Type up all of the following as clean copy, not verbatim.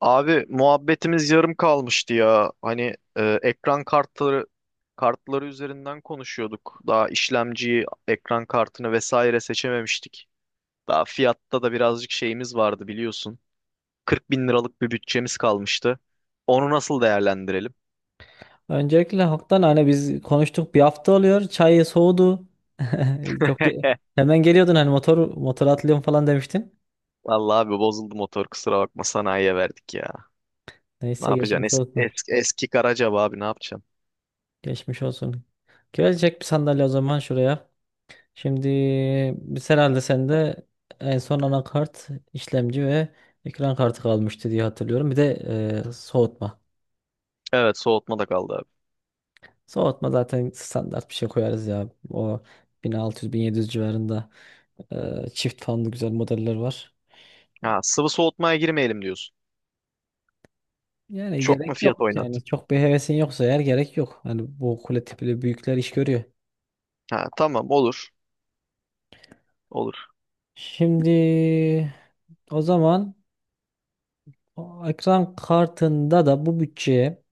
Abi muhabbetimiz yarım kalmıştı ya. Hani ekran kartları üzerinden konuşuyorduk. Daha işlemciyi, ekran kartını vesaire seçememiştik. Daha fiyatta da birazcık şeyimiz vardı biliyorsun. 40 bin liralık bir bütçemiz kalmıştı. Onu nasıl değerlendirelim? Öncelikle halktan hani biz konuştuk bir hafta oluyor. Çay soğudu. Çok ge- hemen geliyordun hani motor motor atlıyorum falan demiştin. Vallahi abi, bozuldu motor, kusura bakma, sanayiye verdik ya. Ne Neyse yapacaksın? geçmiş Eski, olsun. eski, eski Karacaba abi, ne yapacaksın? Geçmiş olsun. Gelecek bir sandalye o zaman şuraya. Şimdi biz herhalde sende en son anakart, işlemci ve ekran kartı kalmıştı diye hatırlıyorum. Bir de soğutma. Evet, soğutma da kaldı abi. Soğutma zaten standart bir şey koyarız ya. O bin, bin altı yüz, bin yedi yüz civarında çift fanlı güzel modeller var. Ha, sıvı soğutmaya girmeyelim diyorsun. Yani Çok mu gerek fiyat yok. oynat? Yani çok bir hevesin yoksa eğer gerek yok. Hani bu kule tipli büyükler iş görüyor. Ha, tamam, olur. Olur. Şimdi o zaman o ekran kartında da bu bütçeye,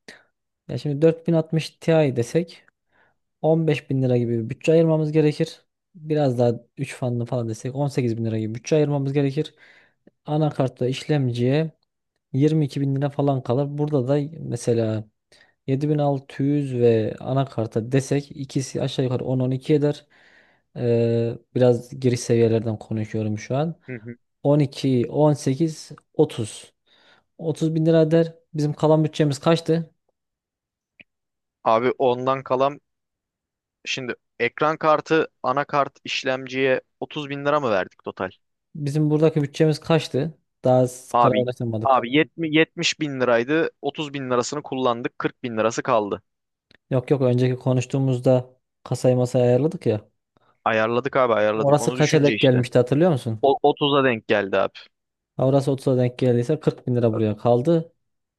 ya şimdi 4060 Ti desek 15 bin lira gibi bir bütçe ayırmamız gerekir. Biraz daha 3 fanlı falan desek 18 bin lira gibi bütçe ayırmamız gerekir. Anakartta işlemciye 22 bin lira falan kalır. Burada da mesela 7600 ve anakarta desek ikisi aşağı yukarı 10-12 eder. Biraz giriş seviyelerden konuşuyorum şu an. 12, 18, 30. 30 bin lira eder. Bizim kalan bütçemiz kaçtı? Abi, ondan kalan, şimdi ekran kartı, anakart, işlemciye 30 bin lira mı verdik total? Bizim buradaki bütçemiz kaçtı? Daha Abi kararlaşamadık. abi, 70 bin liraydı, 30 bin lirasını kullandık, 40 bin lirası kaldı. Yok, yok, önceki konuştuğumuzda kasayı masaya ayarladık ya. Ayarladık abi, ayarladık, Orası onu kaça düşünce denk işte. gelmişti hatırlıyor musun? O, 30'a denk geldi abi. Ha, orası 30'a denk geldiyse 40 bin lira Bak. buraya kaldı.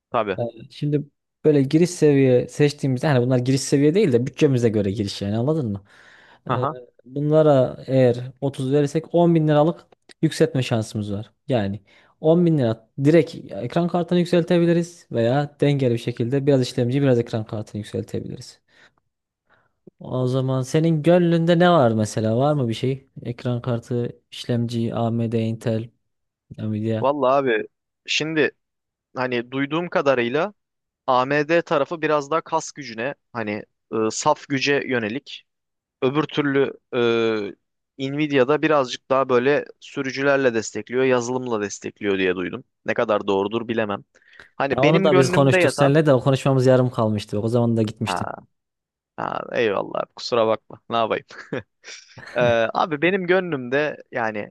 Tabii. Ee, Şimdi böyle giriş seviye seçtiğimizde hani bunlar giriş seviye değil de bütçemize göre giriş, yani anladın mı? Ee, Aha. Bunlara eğer 30 verirsek 10 bin liralık yükseltme şansımız var. Yani 10 bin lira direkt ekran kartını yükseltebiliriz veya dengeli bir şekilde biraz işlemci, biraz ekran kartını yükseltebiliriz. O zaman senin gönlünde ne var mesela? Var mı bir şey? Ekran kartı, işlemci, AMD, Intel, Nvidia. Vallahi abi, şimdi hani duyduğum kadarıyla AMD tarafı biraz daha kas gücüne, hani, saf güce yönelik. Öbür türlü, Nvidia'da birazcık daha böyle sürücülerle destekliyor, yazılımla destekliyor diye duydum. Ne kadar doğrudur bilemem. Hani Ya onu benim da biz gönlümde konuştuk yatan, seninle, de o konuşmamız yarım kalmıştı. O zaman da gitmiştin. ha, ha, eyvallah abi, kusura bakma, ne yapayım. Ee, abi, benim gönlümde, yani,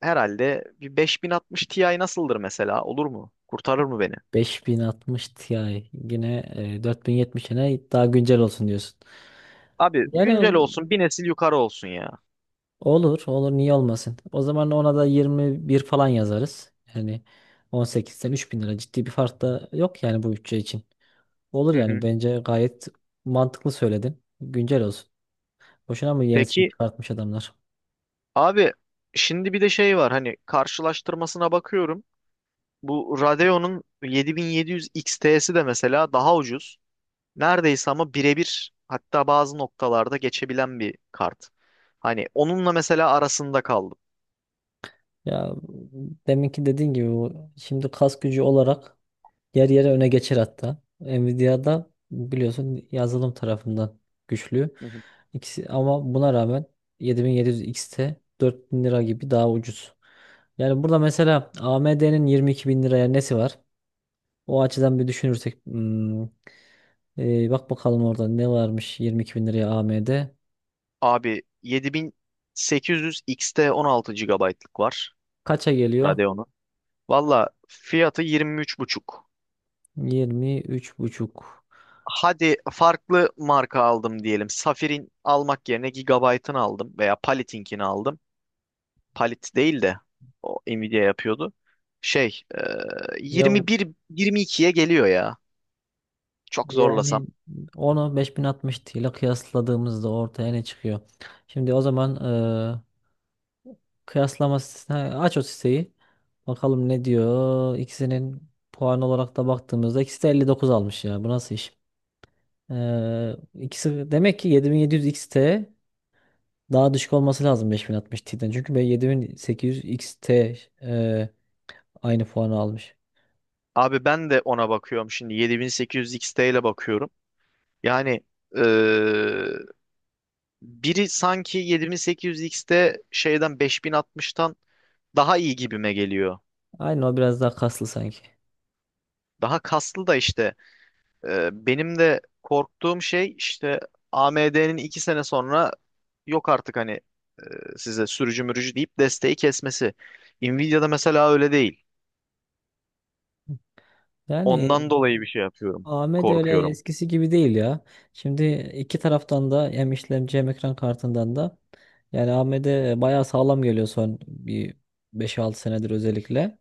herhalde bir 5060 Ti nasıldır mesela, olur mu? Kurtarır mı beni? 5060 Ti yine 4070'ine daha güncel olsun diyorsun. Abi Yani güncel olsun, bir nesil yukarı olsun ya. olur olur niye olmasın. O zaman ona da 21 falan yazarız. Yani 18'den 3000 lira ciddi bir fark da yok yani bu bütçe için. Olur Hı yani hı. bence gayet mantıklı söyledin. Güncel olsun. Boşuna mı yenisini Peki çıkartmış adamlar? abi, şimdi bir de şey var, hani karşılaştırmasına bakıyorum. Bu Radeon'un 7700 XT'si de mesela daha ucuz. Neredeyse ama birebir, hatta bazı noktalarda geçebilen bir kart. Hani onunla mesela arasında kaldım. Ya deminki dediğin gibi bu şimdi kas gücü olarak yer yere öne geçer hatta. Nvidia'da biliyorsun yazılım tarafından güçlü. Hı hı. İkisi ama buna rağmen 7700 X'te 4000 lira gibi daha ucuz. Yani burada mesela AMD'nin 22 bin liraya nesi var? O açıdan bir düşünürsek bak bakalım orada ne varmış 22 bin liraya AMD. Abi, 7800 XT 16 gigabaytlık var Kaça geliyor? Radeon'un. Valla fiyatı 23,5. 23 buçuk. Hadi farklı marka aldım diyelim. Safir'in almak yerine Gigabyte'ın aldım veya Palik'inkini aldım. Palit değil de o Nvidia yapıyordu. Şey, Ya 21, 22'ye geliyor ya. Çok yani zorlasam. onu 5060 Ti ile kıyasladığımızda ortaya ne çıkıyor? Şimdi o zaman kıyaslama sitesine aç o siteyi. Bakalım ne diyor. İkisinin puan olarak da baktığımızda ikisi de 59 almış ya. Bu nasıl iş? İkisi demek ki 7700 XT daha düşük olması lazım 5060 Ti'den. Çünkü ben 7800 XT e, aynı puanı almış. Abi ben de ona bakıyorum, şimdi 7800 XT ile bakıyorum. Yani, e, biri sanki 7800 XT, şeyden, 5060'tan daha iyi gibime geliyor. Aynı, o biraz daha kaslı sanki. Daha kaslı da işte. Benim de korktuğum şey işte, AMD'nin 2 sene sonra, yok artık hani, size sürücü mürücü deyip desteği kesmesi. Nvidia'da mesela öyle değil. Yani Ondan dolayı bir şey yapıyorum. Ahmet öyle Korkuyorum. eskisi gibi değil ya. Şimdi iki taraftan da hem işlemci hem ekran kartından da yani AMD bayağı sağlam geliyor son bir 5-6 senedir özellikle.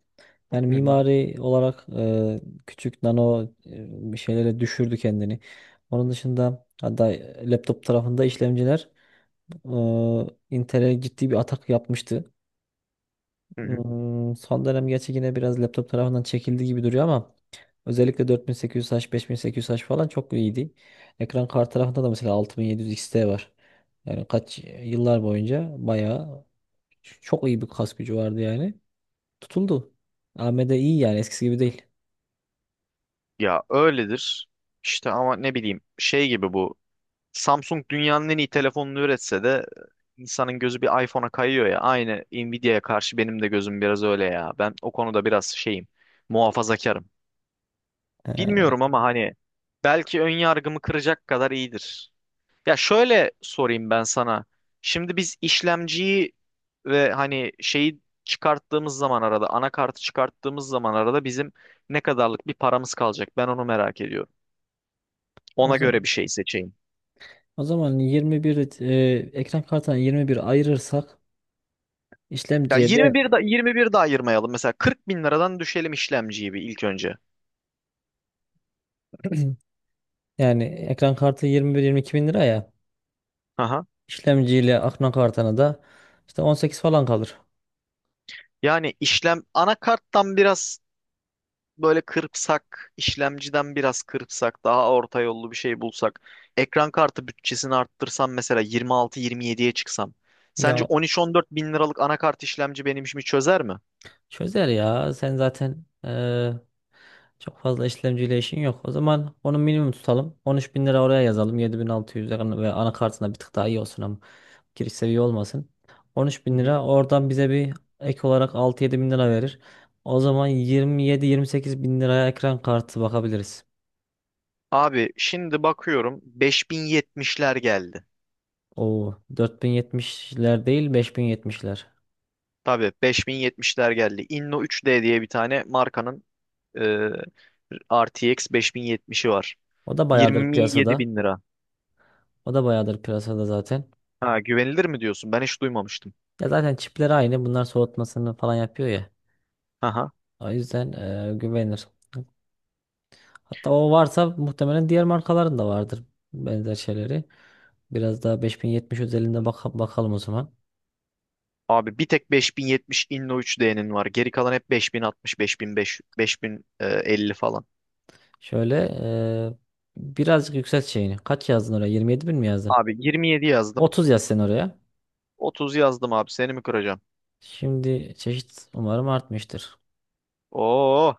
Yani Hı hı. mimari olarak küçük nano bir şeylere düşürdü kendini. Onun dışında hatta laptop tarafında işlemciler e, Intel'e ciddi bir atak yapmıştı. Hı hı. Son dönem gerçi yine biraz laptop tarafından çekildi gibi duruyor ama özellikle 4800H, 5800H falan çok iyiydi. Ekran kart tarafında da mesela 6700 XT var. Yani kaç yıllar boyunca bayağı çok iyi bir kas gücü vardı yani. Tutuldu. AMD iyi yani eskisi gibi değil. Ya öyledir. İşte ama ne bileyim, şey gibi bu. Samsung dünyanın en iyi telefonunu üretse de insanın gözü bir iPhone'a kayıyor ya. Aynı Nvidia'ya karşı benim de gözüm biraz öyle ya. Ben o konuda biraz şeyim. Muhafazakarım. Ee, Bilmiyorum ama hani belki ön yargımı kıracak kadar iyidir. Ya şöyle sorayım ben sana. Şimdi biz işlemciyi ve hani şeyi çıkarttığımız zaman, arada anakartı çıkarttığımız zaman, arada bizim ne kadarlık bir paramız kalacak? Ben onu merak ediyorum. o Ona göre bir zaman şey seçeyim. o zaman 21, ekran kartına 21 ayırırsak Ya işlemciye de 21 da 21 de ayırmayalım. Mesela 40 bin liradan düşelim işlemciyi bir, ilk önce. yani ekran kartı 21-22 bin lira, ya Aha. işlemciyle ekran kartına da işte 18 falan kalır. Yani işlem anakarttan biraz böyle kırpsak, işlemciden biraz kırpsak, daha orta yollu bir şey bulsak, ekran kartı bütçesini arttırsam mesela 26-27'ye çıksam, sence Ya 13-14 bin liralık anakart işlemci benim işimi çözer mi? çözer ya. Sen zaten çok fazla işlemciyle işin yok. O zaman onu minimum tutalım. 13 bin lira oraya yazalım. 7600 lira ve anakartına bir tık daha iyi olsun ama giriş seviye olmasın. 13 Hı bin hı. lira oradan bize bir ek olarak 6-7 bin lira verir. O zaman 27-28 bin liraya ekran kartı bakabiliriz. Abi, şimdi bakıyorum 5070'ler geldi. O 4070'ler değil, 5070'ler. Tabii, 5070'ler geldi. Inno 3D diye bir tane markanın, e, RTX 5070'i var. O da bayağıdır 27 piyasada. bin lira. O da bayağıdır piyasada zaten. Ha, güvenilir mi diyorsun? Ben hiç duymamıştım. Ya zaten çipleri aynı. Bunlar soğutmasını falan yapıyor ya. O yüzden güvenir. Hatta o varsa muhtemelen diğer markaların da vardır, benzer şeyleri. Biraz daha 5070 özelinde bakalım o zaman. Abi bir tek 5070 Inno 3D'nin var. Geri kalan hep 5060, 5005, 5050 falan. Şöyle e, birazcık yükselt şeyini. Kaç yazdın oraya? 27 bin mi yazdın? Abi 27 yazdım. 30 yaz sen oraya. 30 yazdım abi. Seni mi kıracağım? Şimdi çeşit umarım artmıştır. Oo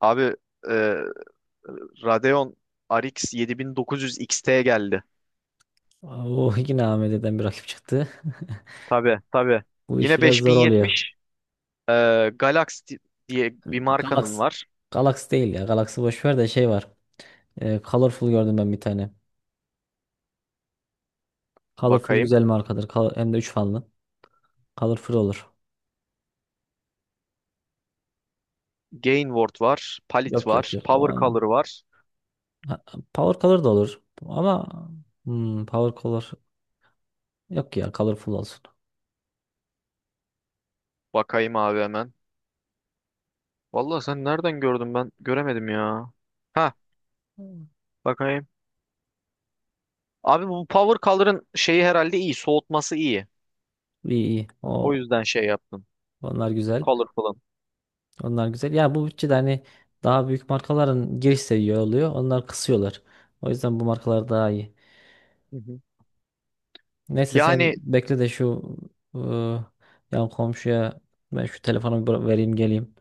abi, e, Radeon RX 7900 XT geldi. Oo, yine AMD'den bir rakip çıktı. Tabii, tabii. Bu iş Yine biraz zor oluyor. 5070, e, Galaxy diye bir markanın Galaxy. var. Galaxy değil ya. Galaxy boş ver de şey var. Colorful gördüm ben bir tane. Colorful Bakayım. güzel markadır. Hem de 3 fanlı. Colorful olur. Gainward var. Palit Yok, yok, var. yok. O Power olma. Color var. Ha, Power Color da olur. Ama Power Color yok, ya Colorful olsun. Bakayım abi, hemen. Vallahi sen nereden gördün, ben göremedim ya. Ha, Hmm. bakayım. Abi, bu Power Color'ın şeyi herhalde iyi. Soğutması iyi. İyi, iyi. O O yüzden şey yaptım. onlar güzel. Colorful'ın. Onlar güzel. Ya bu bütçede hani daha büyük markaların giriş seviye oluyor. Onlar kısıyorlar. O yüzden bu markalar daha iyi. Hı hı. Neyse sen Yani bekle de şu ıı, yan komşuya ben şu telefonu bir vereyim geleyim.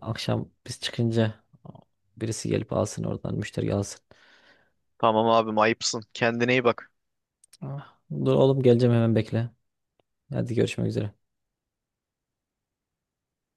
Akşam biz çıkınca birisi gelip alsın, oradan müşteri alsın. tamam abim, ayıpsın. Kendine iyi bak. Ah. Dur oğlum, geleceğim hemen bekle. Hadi, görüşmek üzere.